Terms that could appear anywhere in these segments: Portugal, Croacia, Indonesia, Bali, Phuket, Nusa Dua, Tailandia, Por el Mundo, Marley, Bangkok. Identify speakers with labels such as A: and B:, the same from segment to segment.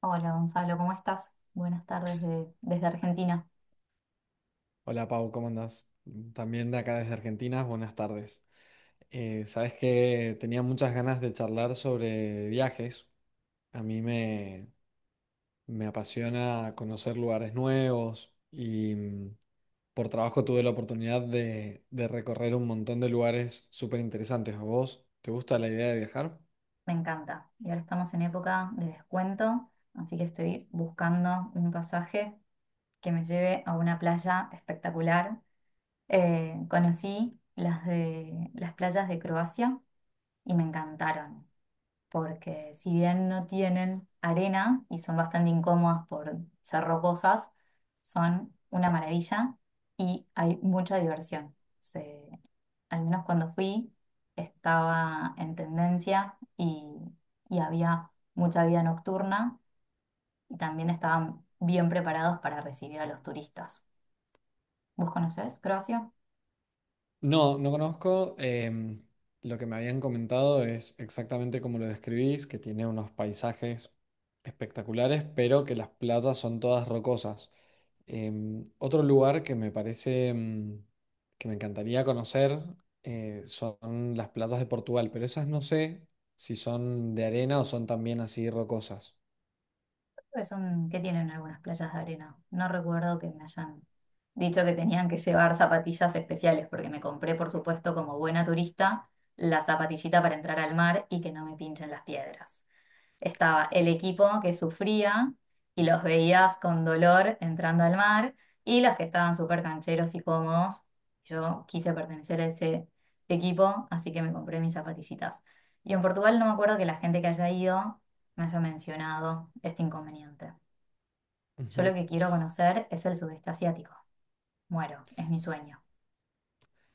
A: Hola Gonzalo, ¿cómo estás? Buenas tardes desde Argentina.
B: Hola Pau, ¿cómo andás? También de acá desde Argentina, buenas tardes. Sabes que tenía muchas ganas de charlar sobre viajes. A mí me, me apasiona conocer lugares nuevos y por trabajo tuve la oportunidad de recorrer un montón de lugares súper interesantes. ¿A vos te gusta la idea de viajar?
A: Me encanta. Y ahora estamos en época de descuento, así que estoy buscando un pasaje que me lleve a una playa espectacular. Conocí las playas de Croacia y me encantaron, porque si bien no tienen arena y son bastante incómodas por ser rocosas, son una maravilla y hay mucha diversión. Al menos cuando fui, estaba en tendencia y había mucha vida nocturna y también estaban bien preparados para recibir a los turistas. ¿Vos conocés Croacia?
B: No, no conozco. Lo que me habían comentado es exactamente como lo describís, que tiene unos paisajes espectaculares, pero que las playas son todas rocosas. Otro lugar que me encantaría conocer, son las playas de Portugal, pero esas no sé si son de arena o son también así rocosas.
A: Creo que que tienen algunas playas de arena. No recuerdo que me hayan dicho que tenían que llevar zapatillas especiales, porque me compré, por supuesto, como buena turista, la zapatillita para entrar al mar y que no me pinchen las piedras. Estaba el equipo que sufría y los veías con dolor entrando al mar, y los que estaban súper cancheros y cómodos. Yo quise pertenecer a ese equipo, así que me compré mis zapatillitas. Y en Portugal no me acuerdo que la gente que haya ido me haya mencionado este inconveniente. Yo
B: Ujú.
A: lo que quiero conocer es el sudeste asiático. Muero, es mi sueño.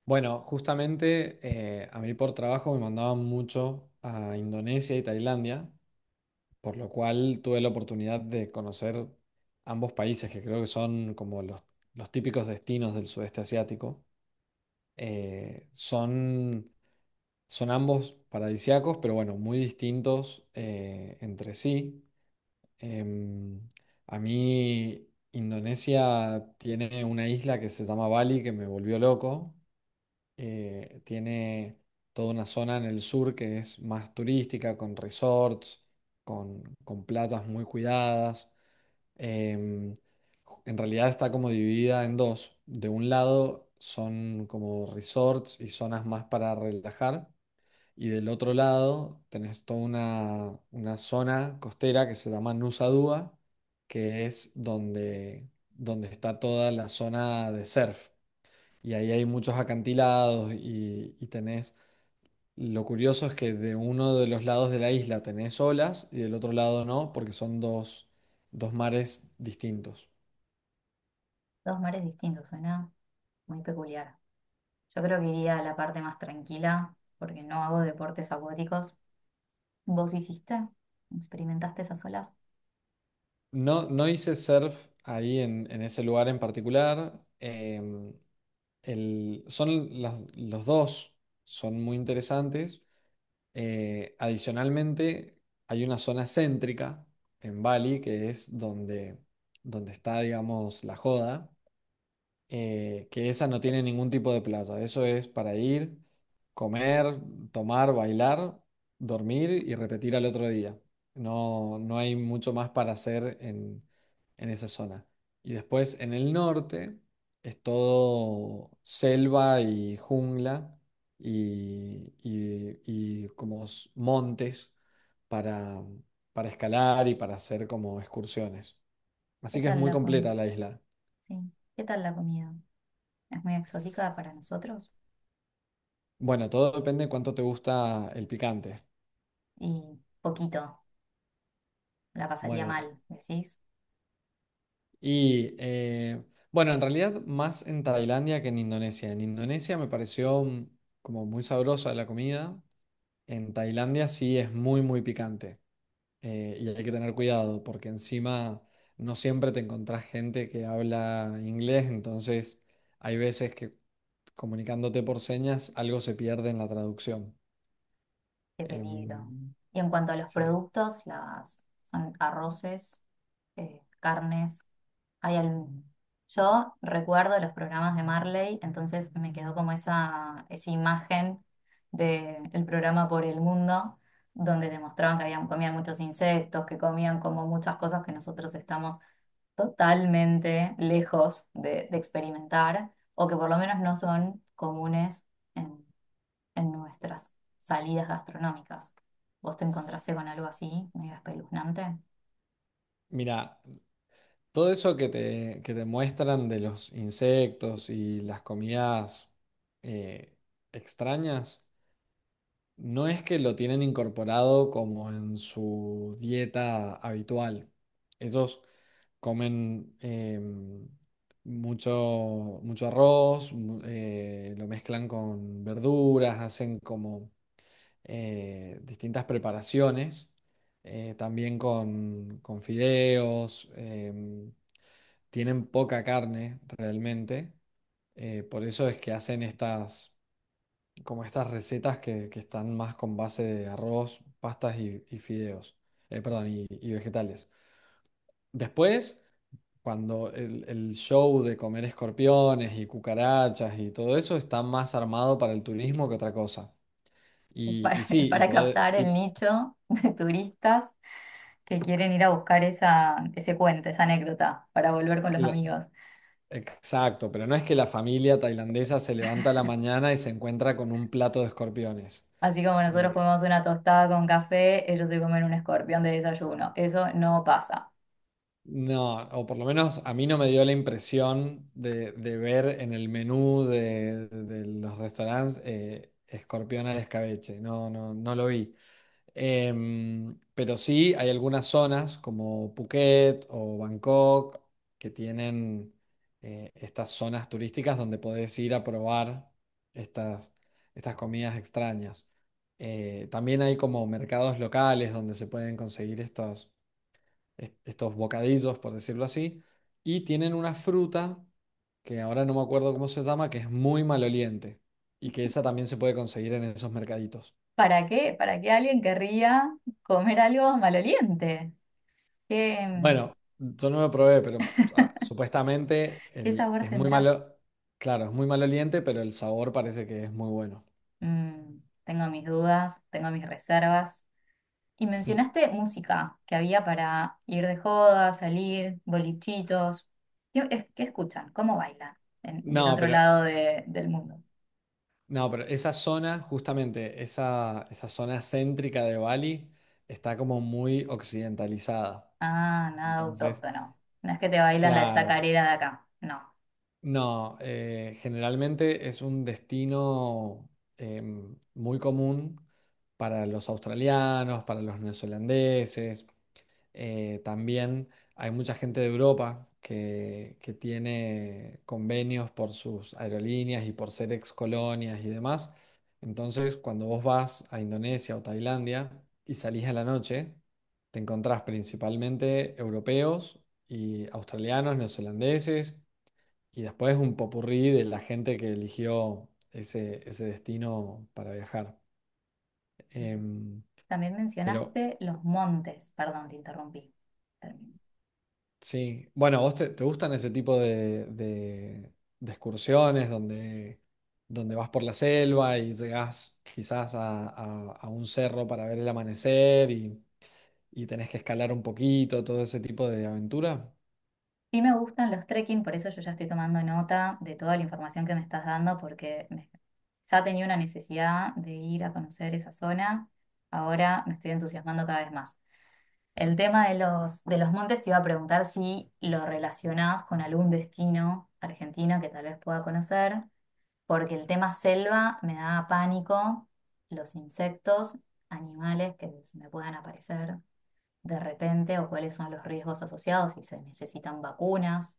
B: Bueno, justamente a mí por trabajo me mandaban mucho a Indonesia y Tailandia. Por lo cual tuve la oportunidad de conocer ambos países, que creo que son como los típicos destinos del sudeste asiático. Eh, son, son ambos paradisíacos, pero bueno, muy distintos entre sí. Em, a mí Indonesia tiene una isla que se llama Bali, que me volvió loco. Tiene toda una zona en el sur que es más turística, con resorts, con playas muy cuidadas, em, en realidad está como dividida en dos. De un lado son como resorts y zonas más para relajar. Y del otro lado tenés toda una zona costera que se llama Nusa Dua, que es donde está toda la zona de surf. Y ahí hay muchos acantilados y tenés... Lo curioso es que de uno de los lados de la isla tenés olas y del otro lado no, porque son dos mares distintos.
A: Dos mares distintos, suena muy peculiar. Yo creo que iría a la parte más tranquila porque no hago deportes acuáticos. ¿Vos hiciste? ¿Experimentaste esas olas?
B: No, no hice surf ahí en ese lugar en particular. Los dos son muy interesantes. Adicionalmente, hay una zona céntrica en Bali que es donde está, digamos, la joda, que esa no tiene ningún tipo de plaza. Eso es para ir, comer, tomar, bailar, dormir y repetir al otro día. No, no hay mucho más para hacer en esa zona. Y después en el norte es todo selva y jungla y como montes para, para escalar y para hacer como excursiones.
A: ¿Qué
B: Así que es
A: tal
B: muy
A: la com-
B: completa la isla.
A: sí, ¿qué tal la comida? ¿Es muy exótica para nosotros?
B: Bueno, todo depende de cuánto te gusta el picante.
A: Y poquito, la pasaría
B: Bueno, eh,
A: mal, ¿decís?
B: y eh, bueno, en realidad más en Tailandia que en Indonesia. En Indonesia me pareció como muy sabrosa la comida. En Tailandia sí es muy picante. Eh, y hay que tener cuidado porque encima no siempre te encontrás gente que habla inglés, entonces hay veces que comunicándote por señas algo se pierde en la traducción.
A: Qué peligro.
B: Em,
A: Y en cuanto a los
B: sí.
A: productos, las son arroces, carnes, Hay algún- yo recuerdo los programas de Marley, entonces me quedó como esa imagen del programa Por el Mundo, donde demostraban que habían, comían muchos insectos, que comían como muchas cosas que nosotros estamos totalmente lejos de experimentar, o que por lo menos no son comunes en, en nuestras salidas gastronómicas. ¿Vos te encontraste con algo así, medio espeluznante?
B: Mira. Todo eso que te muestran de los insectos y las comidas eh, extrañas, no es que lo tienen incorporado como en su dieta habitual. Ellos comen, mucho, mucho arroz, lo mezclan con verduras, hacen como distintas preparaciones, también con fideos. Tienen poca carne realmente, por eso es que hacen estas, como estas recetas que están más con base de arroz, pastas y fideos, perdón, y vegetales. Después, cuando el show de comer escorpiones y cucarachas y todo eso está más armado para el turismo que otra cosa.
A: Es
B: Y, y
A: es
B: sí, y
A: para
B: poder...
A: captar el
B: y
A: nicho de turistas que quieren ir a buscar ese cuento, esa anécdota, para volver con los
B: cla-
A: amigos.
B: Exacto, pero no es que la familia tailandesa se levanta a la mañana y se encuentra con un plato de escorpiones.
A: Así como nosotros
B: Eh,
A: comemos una tostada con café, ellos se comen un escorpión de desayuno. Eso no pasa.
B: No, o por lo menos a mí no me dio la impresión de ver en el menú de los restaurantes, escorpión al escabeche. No, no, no lo vi. Pero sí hay algunas zonas como Phuket o Bangkok que tienen estas zonas turísticas donde podés ir a probar estas, estas comidas extrañas. También hay como mercados locales donde se pueden conseguir estos bocadillos, por decirlo así, y tienen una fruta que ahora no me acuerdo cómo se llama, que es muy maloliente y que esa también se puede conseguir en esos mercaditos.
A: ¿Para qué? ¿Para qué alguien querría comer algo maloliente? ¿Qué,
B: Bueno, yo no lo probé, pero supuestamente
A: qué sabor
B: es muy
A: tendrá?
B: malo, claro, es muy maloliente, pero el sabor parece que es muy bueno.
A: Mm, tengo mis dudas, tengo mis reservas. Y mencionaste música que había para ir de joda, salir, bolichitos. ¿Qué escuchan? ¿Cómo bailan del
B: No,
A: otro
B: pero,
A: lado de- del mundo?
B: no, pero esa zona, justamente, esa zona céntrica de Bali está como muy occidentalizada.
A: Ah, nada
B: Entonces,
A: autóctono. No es que te bailan la
B: claro,
A: chacarera de acá. No.
B: no, generalmente es un destino muy común para los australianos, para los neozelandeses. También hay mucha gente de Europa que tiene convenios por sus aerolíneas y por ser ex colonias y demás. Entonces, cuando vos vas a Indonesia o Tailandia y salís a la noche, te encontrás principalmente europeos y australianos, neozelandeses. Y después un popurrí de la gente que eligió ese destino para viajar. Em,
A: También
B: pero
A: mencionaste los montes. Perdón, te interrumpí. Termino.
B: sí, bueno, ¿vos te gustan ese tipo de excursiones donde vas por la selva y llegás quizás a un cerro para ver el amanecer y tenés que escalar un poquito, todo ese tipo de aventura?
A: Sí me gustan los trekking, por eso yo ya estoy tomando nota de toda la información que me estás dando. Ya tenía una necesidad de ir a conocer esa zona. Ahora me estoy entusiasmando cada vez más. El tema de de los montes te iba a preguntar si lo relacionás con algún destino argentino que tal vez pueda conocer, porque el tema selva me daba pánico, los insectos, animales que se me puedan aparecer de repente, o cuáles son los riesgos asociados, si se necesitan vacunas.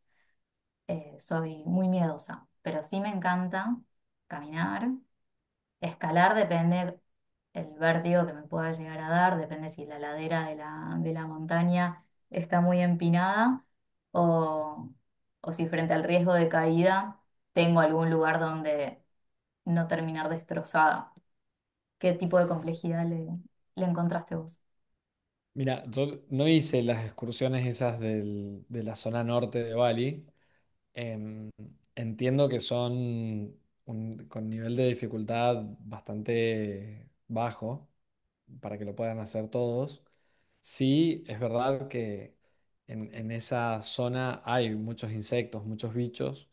A: Soy muy miedosa, pero sí me encanta caminar. Escalar depende el vértigo que me pueda llegar a dar, depende si la ladera de de la montaña está muy empinada, o, o si frente al riesgo de caída tengo algún lugar donde no terminar destrozada. ¿Qué tipo de complejidad le encontraste vos?
B: Mira, yo no hice las excursiones esas de la zona norte de Bali. Em, Entiendo que son con nivel de dificultad bastante bajo para que lo puedan hacer todos. Sí, es verdad que en esa zona hay muchos insectos, muchos bichos.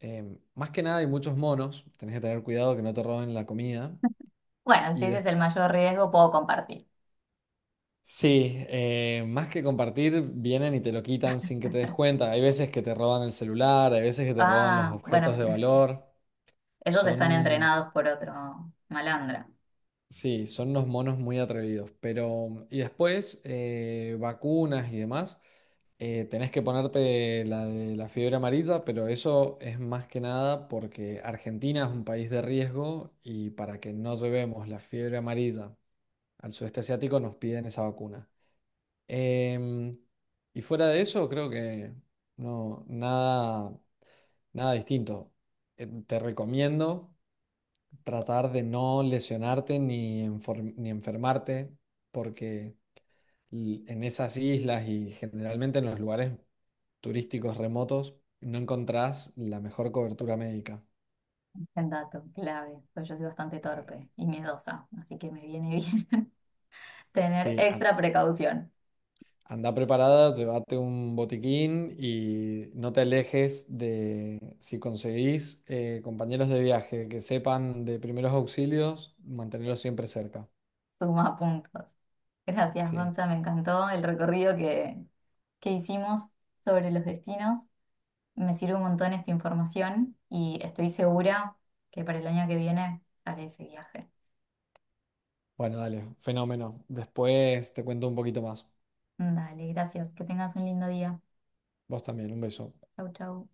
B: Em, más que nada hay muchos monos. Tenés que tener cuidado que no te roben la comida.
A: Bueno, si
B: Y
A: ese
B: des-
A: es el mayor riesgo, puedo compartir.
B: Sí, más que compartir, vienen y te lo quitan sin que te des cuenta. Hay veces que te roban el celular, hay veces que te roban los
A: Ah,
B: objetos
A: bueno,
B: de
A: bueno,
B: valor.
A: esos están
B: Son,
A: entrenados por otro malandra.
B: sí, son unos monos muy atrevidos, pero, y después, vacunas y demás, tenés que ponerte la de la fiebre amarilla, pero eso es más que nada porque Argentina es un país de riesgo y para que no llevemos la fiebre amarilla al sudeste asiático nos piden esa vacuna. Em, y fuera de eso, creo que no, nada distinto. Te recomiendo tratar de no lesionarte ni enfermarte, porque en esas islas y generalmente en los lugares turísticos remotos no encontrás la mejor cobertura médica.
A: El dato clave, pues yo soy bastante torpe y miedosa, así que me viene bien tener
B: Sí, an-
A: extra precaución.
B: Anda preparada, llévate un botiquín y no te alejes de, si conseguís compañeros de viaje que sepan de primeros auxilios, mantenerlos siempre cerca.
A: Suma puntos. Gracias,
B: Sí.
A: Gonza, me encantó el recorrido que hicimos sobre los destinos. Me sirve un montón esta información y estoy segura que para el año que viene haré ese viaje.
B: Bueno, dale, fenómeno. Después te cuento un poquito más.
A: Dale, gracias. Que tengas un lindo día.
B: Vos también, un beso.
A: Chau, chau.